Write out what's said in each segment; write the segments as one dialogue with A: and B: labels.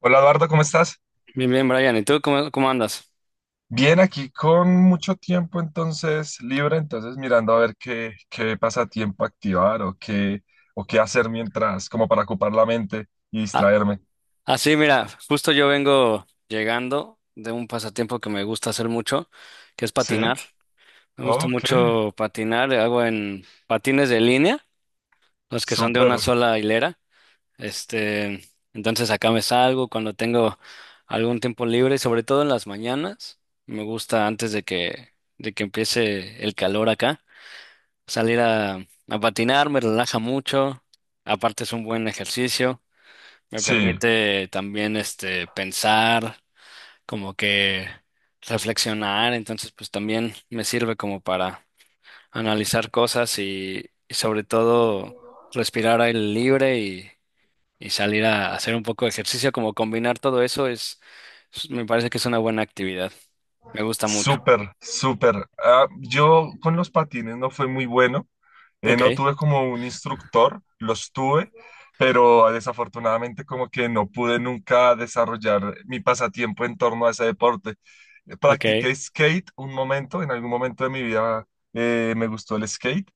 A: Hola Eduardo, ¿cómo estás?
B: Bien, bien, Brian. ¿Y tú cómo andas?
A: Bien, aquí con mucho tiempo entonces libre, entonces mirando a ver qué, qué pasatiempo activar o qué hacer mientras, como para ocupar la mente y
B: Ah,
A: distraerme.
B: ah, sí, mira, justo yo vengo llegando de un pasatiempo que me gusta hacer mucho, que es patinar.
A: Sí,
B: Me gusta
A: ok,
B: mucho patinar, hago en patines de línea, los que son de una
A: súper,
B: sola hilera. Este, entonces acá me salgo cuando tengo algún tiempo libre, sobre todo en las mañanas. Me gusta antes de que empiece el calor acá, salir a patinar, me relaja mucho. Aparte es un buen ejercicio. Me
A: sí,
B: permite también este pensar, como que reflexionar, entonces pues también me sirve como para analizar cosas y sobre todo respirar aire libre y salir a hacer un poco de ejercicio, como combinar todo eso me parece que es una buena actividad. Me gusta mucho.
A: súper, súper. Ah, yo con los patines no fue muy bueno.
B: Ok,
A: No tuve como un instructor, los tuve, pero desafortunadamente como que no pude nunca desarrollar mi pasatiempo en torno a ese deporte.
B: ok.
A: Practiqué skate un momento, en algún momento de mi vida, me gustó el skate.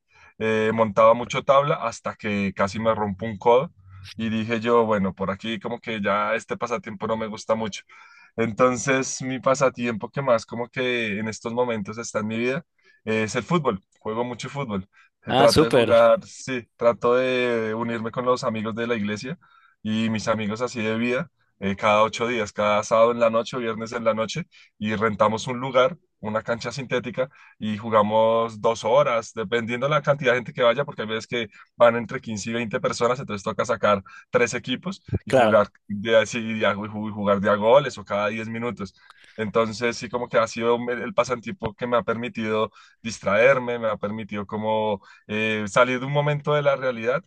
A: Montaba mucho tabla hasta que casi me rompo un codo y dije yo, bueno, por aquí como que ya este pasatiempo no me gusta mucho. Entonces mi pasatiempo que más como que en estos momentos está en mi vida, es el fútbol, juego mucho fútbol. Se
B: Ah,
A: trató de
B: súper,
A: jugar, sí, trato de unirme con los amigos de la iglesia y mis amigos así de vida, cada 8 días, cada sábado en la noche o viernes en la noche, y rentamos un lugar, una cancha sintética, y jugamos 2 horas, dependiendo la cantidad de gente que vaya, porque hay veces que van entre 15 y 20 personas, entonces toca sacar 3 equipos y
B: claro.
A: jugar de, así, y jugar de a goles o cada 10 minutos. Entonces, sí, como que ha sido el pasatiempo que me ha permitido distraerme, me ha permitido como, salir de un momento de la realidad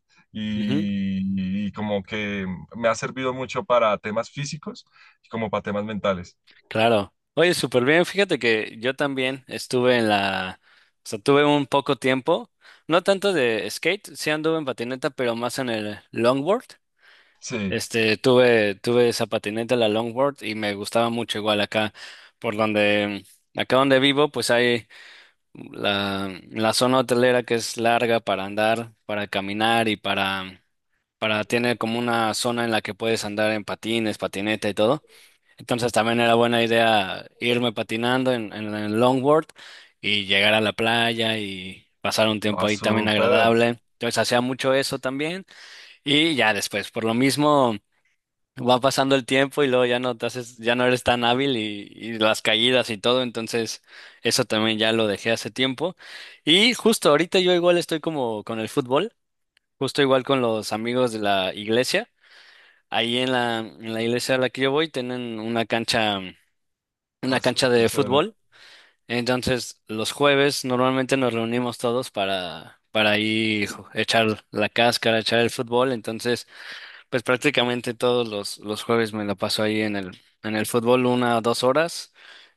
B: Ujú.
A: y como que me ha servido mucho para temas físicos y como para temas mentales.
B: Claro. Oye, súper bien. Fíjate que yo también estuve o sea, tuve un poco tiempo, no tanto de skate, sí anduve en patineta, pero más en el longboard.
A: Sí,
B: Tuve esa patineta, la longboard, y me gustaba mucho igual acá, por donde, acá donde vivo, pues hay la zona hotelera que es larga para andar, para caminar y tiene como una zona en la que puedes andar en patines, patineta y todo. Entonces también era buena idea irme patinando en el longboard y llegar a la playa y pasar un tiempo
A: ah,
B: ahí también
A: súper,
B: agradable. Entonces hacía mucho eso también y ya después, por lo mismo, va pasando el tiempo y luego ya no te haces, ya no eres tan hábil y las caídas y todo, entonces eso también ya lo dejé hace tiempo. Y justo ahorita yo igual estoy como con el fútbol, justo igual con los amigos de la iglesia. Ahí en la iglesia a la que yo voy tienen una cancha una cancha
A: qué
B: de
A: chévere.
B: fútbol. Entonces, los jueves normalmente nos reunimos todos para ahí echar la cáscara, echar el fútbol. Entonces, pues prácticamente todos los jueves me la paso ahí en el fútbol una o dos horas.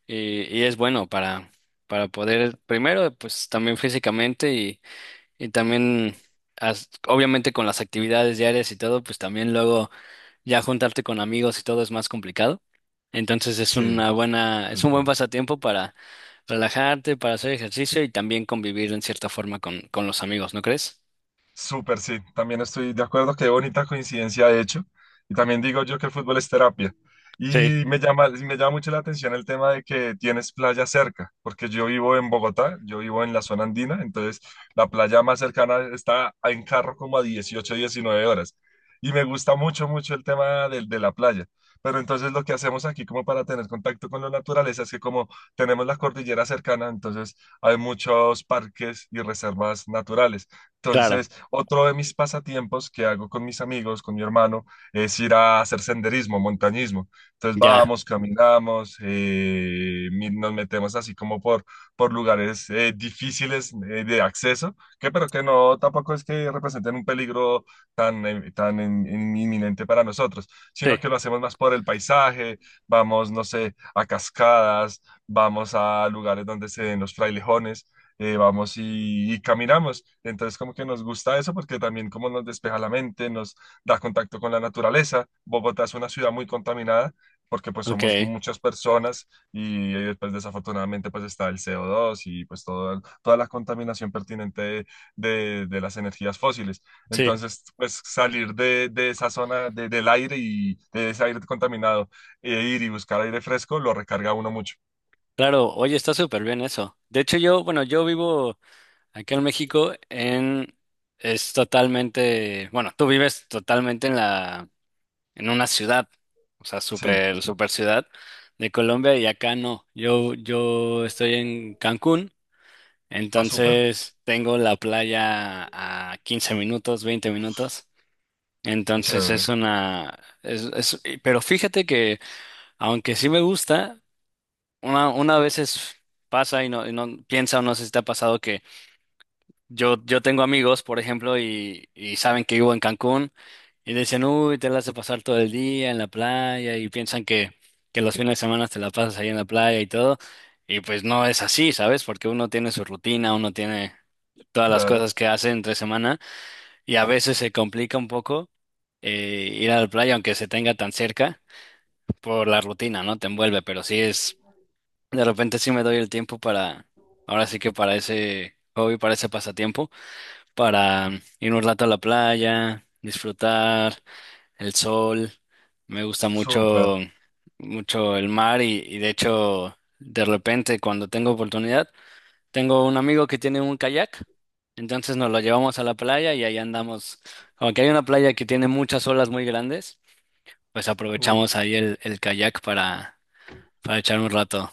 B: Y es bueno para poder, primero, pues también físicamente y también, obviamente con las actividades diarias y todo, pues también luego ya juntarte con amigos y todo es más complicado. Entonces es
A: Sí,
B: una
A: es
B: buena, es un buen
A: verdad.
B: pasatiempo para relajarte, para hacer ejercicio y también convivir en cierta forma con los amigos, ¿no crees?
A: Súper, sí, también estoy de acuerdo, qué bonita coincidencia de hecho. Y también digo yo que el fútbol es terapia.
B: Sí,
A: Y me llama mucho la atención el tema de que tienes playa cerca, porque yo vivo en Bogotá, yo vivo en la zona andina, entonces la playa más cercana está en carro como a 18, 19 horas. Y me gusta mucho, mucho el tema de la playa. Pero entonces lo que hacemos aquí como para tener contacto con la naturaleza es que como tenemos la cordillera cercana, entonces hay muchos parques y reservas naturales.
B: claro.
A: Entonces, otro de mis pasatiempos que hago con mis amigos, con mi hermano, es ir a hacer senderismo, montañismo. Entonces
B: Ya.
A: vamos, caminamos, nos metemos así como por lugares difíciles de acceso, que pero que no tampoco es que representen un peligro tan, tan inminente para nosotros,
B: Sí.
A: sino que lo hacemos más por el paisaje, vamos, no sé, a cascadas, vamos a lugares donde se den los frailejones, vamos y caminamos. Entonces como que nos gusta eso porque también como nos despeja la mente, nos da contacto con la naturaleza. Bogotá es una ciudad muy contaminada porque pues
B: Ok,
A: somos muchas personas y después desafortunadamente pues está el CO2 y pues toda la contaminación pertinente de, de las energías fósiles.
B: sí,
A: Entonces pues salir de esa zona del aire y de ese aire contaminado e ir y buscar aire fresco lo recarga a uno mucho.
B: claro, oye, está súper bien eso. De hecho, yo, bueno, yo vivo aquí en México es totalmente, bueno, tú vives totalmente en una ciudad, o sea,
A: Sí,
B: súper, súper ciudad de Colombia y acá no. Yo estoy en Cancún,
A: ah, súper,
B: entonces tengo la playa a 15 minutos, 20 minutos.
A: qué
B: Entonces es
A: chévere,
B: una, es- y- pero fíjate que aunque sí me gusta, una veces pasa y no piensa o no sé si te ha pasado que yo tengo amigos, por ejemplo, y saben que vivo en Cancún. Y dicen, uy, te la hace pasar todo el día en la playa y piensan que los fines de semana te la pasas ahí en la playa y todo. Y pues no es así, ¿sabes? Porque uno tiene su rutina, uno tiene todas las
A: claro.
B: cosas que hace entre semana y a veces se complica un poco ir a la playa, aunque se tenga tan cerca, por la rutina, ¿no? Te envuelve, pero de repente sí me doy el tiempo para, ahora sí que para ese hobby, para ese pasatiempo, para ir un rato a la playa, disfrutar el sol, me gusta
A: Súper.
B: mucho, mucho el mar y de hecho, de repente cuando tengo oportunidad, tengo un amigo que tiene un kayak, entonces nos lo llevamos a la playa y ahí andamos. Aunque hay una playa que tiene muchas olas muy grandes, pues
A: Uy,
B: aprovechamos ahí el kayak para echar un rato.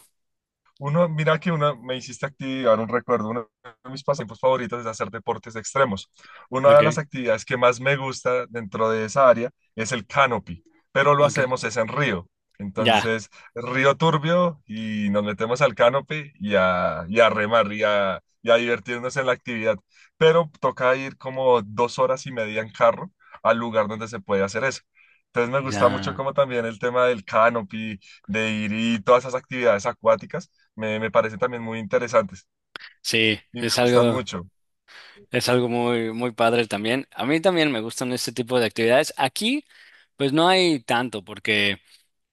A: uno, mira que uno me hiciste activar un recuerdo. Uno de mis pasatiempos favoritos es hacer deportes extremos. Una de las
B: Okay,
A: actividades que más me gusta dentro de esa área es el canopy, pero lo
B: okay.
A: hacemos es en río.
B: Ya,
A: Entonces, río turbio y nos metemos al canopy y a remar y a divertirnos en la actividad. Pero toca ir como 2 horas y media en carro al lugar donde se puede hacer eso. Entonces me gusta mucho
B: ya.
A: como también el tema del canopy, de ir, y todas esas actividades acuáticas me, me parecen también muy interesantes
B: Sí,
A: y me
B: es
A: gustan
B: algo,
A: mucho.
B: es algo muy, muy padre también. A mí también me gustan este tipo de actividades. Aquí, pues no hay tanto porque...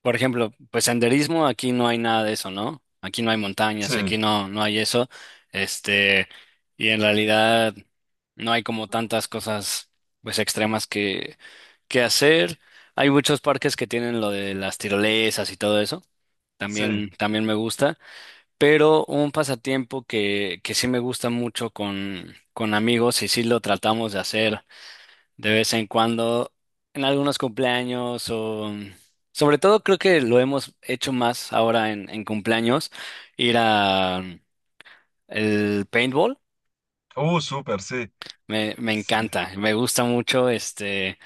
B: Por ejemplo, pues senderismo, aquí no hay nada de eso, ¿no? Aquí no hay montañas,
A: Sí,
B: aquí no, no hay eso. Este, y en realidad no hay como tantas cosas, pues extremas que hacer. Hay muchos parques que tienen lo de las tirolesas y todo eso.
A: sí.
B: También, también me gusta. Pero un pasatiempo que sí me gusta mucho con amigos y sí lo tratamos de hacer de vez en cuando, en algunos cumpleaños o... Sobre todo creo que lo hemos hecho más ahora en cumpleaños, ir a el paintball.
A: Súper, sí.
B: Me
A: Sí.
B: encanta, me gusta mucho, este,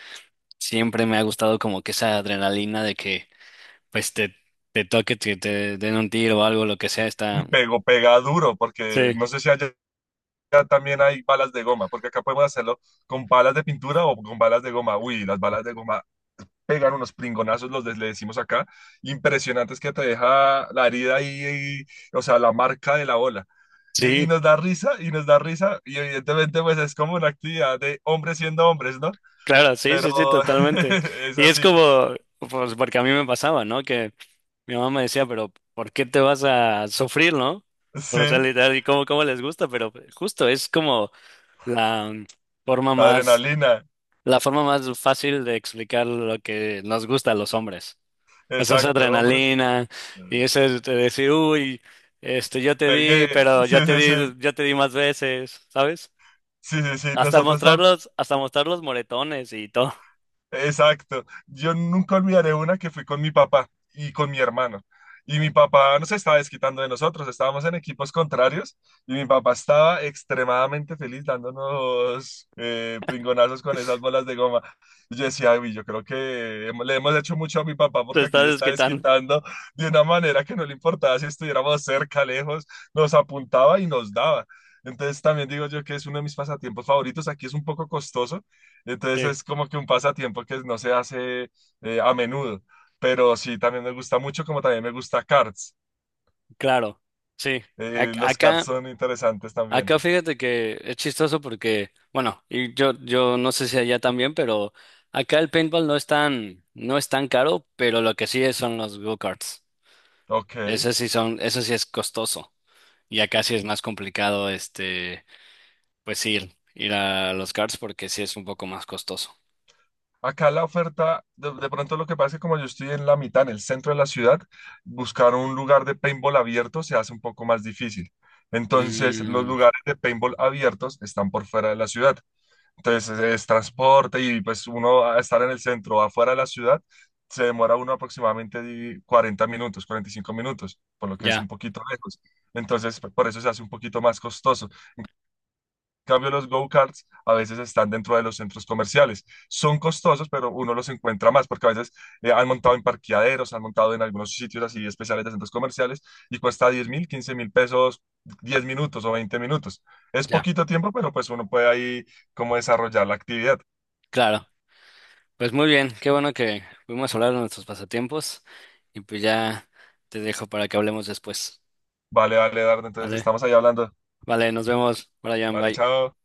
B: siempre me ha gustado como que esa adrenalina de que pues te toque, te den un tiro o algo, lo que sea,
A: Uy,
B: está...
A: pego, pega duro, porque
B: Sí,
A: no sé si allá también hay balas de goma, porque acá podemos hacerlo con balas de pintura o con balas de goma. Uy, las balas de goma pegan unos pringonazos, le decimos acá, impresionantes que te deja la herida ahí, y- o sea, la marca de la bola. Y
B: sí.
A: nos da risa, y nos da risa, y evidentemente pues es como una actividad de hombres siendo hombres, ¿no?
B: Claro, sí, sí,
A: Pero
B: sí, totalmente.
A: es
B: Y es
A: así.
B: como, pues porque a mí me pasaba, ¿no? Que mi mamá me decía, pero ¿por qué te vas a sufrir, no? O sea,
A: Sí,
B: literal, y cómo les gusta, pero justo es como la forma
A: la
B: más,
A: adrenalina,
B: la forma más fácil de explicar lo que nos gusta a los hombres. O sea, esa
A: exacto, hombre.
B: adrenalina y ese de decir, uy, este, yo te di,
A: Pegué,
B: pero
A: sí, sí, sí,
B: yo te di más veces, ¿sabes?
A: sí, sí, sí,
B: Hasta mostrar los, hasta mostrar los moretones y todo.
A: exacto. Yo nunca olvidaré una que fui con mi papá y con mi hermano. Y mi papá no se estaba desquitando de nosotros, estábamos en equipos contrarios y mi papá estaba extremadamente feliz dándonos, pringonazos con esas bolas de goma. Y yo decía, "Uy, yo creo que le hemos hecho mucho a mi papá
B: Te
A: porque aquí
B: estás
A: se está
B: desquitando.
A: desquitando de una manera que no le importaba si estuviéramos cerca, lejos, nos apuntaba y nos daba". Entonces también digo yo que es uno de mis pasatiempos favoritos. Aquí es un poco costoso, entonces
B: Sí,
A: es como que un pasatiempo que no se hace, a menudo, pero sí, también me gusta mucho, como también me gusta cards.
B: claro, sí. Ac-
A: Los cards
B: Acá,
A: son interesantes también.
B: acá fíjate que es chistoso porque, bueno, y yo no sé si allá también, pero acá el paintball no es tan caro, pero lo que sí es son los go-karts.
A: Ok.
B: Eso sí es costoso. Y acá sí es más complicado, este, pues ir, ir a los karts porque sí es un poco más costoso.
A: Acá la oferta, de pronto lo que pasa es que como yo estoy en la mitad, en el centro de la ciudad, buscar un lugar de paintball abierto se hace un poco más difícil. Entonces, los
B: Mm,
A: lugares de paintball abiertos están por fuera de la ciudad. Entonces es transporte y pues uno a estar en el centro, o afuera de la ciudad, se demora uno aproximadamente 40 minutos, 45 minutos, por lo que es
B: ya,
A: un poquito lejos. Entonces por eso se hace un poquito más costoso. En cambio, los go-karts a veces están dentro de los centros comerciales. Son costosos, pero uno los encuentra más porque a veces, han montado en parqueaderos, han montado en algunos sitios así especiales de centros comerciales y cuesta 10.000, 15.000 pesos 10 minutos o 20 minutos. Es
B: ya,
A: poquito tiempo, pero pues uno puede ahí como desarrollar la actividad.
B: claro. Pues muy bien, qué bueno que pudimos hablar de nuestros pasatiempos y pues ya te dejo para que hablemos después.
A: Vale, vale, Dardo, entonces
B: Vale,
A: estamos ahí hablando.
B: vale, nos vemos, Brian,
A: Vale,
B: bye.
A: chao.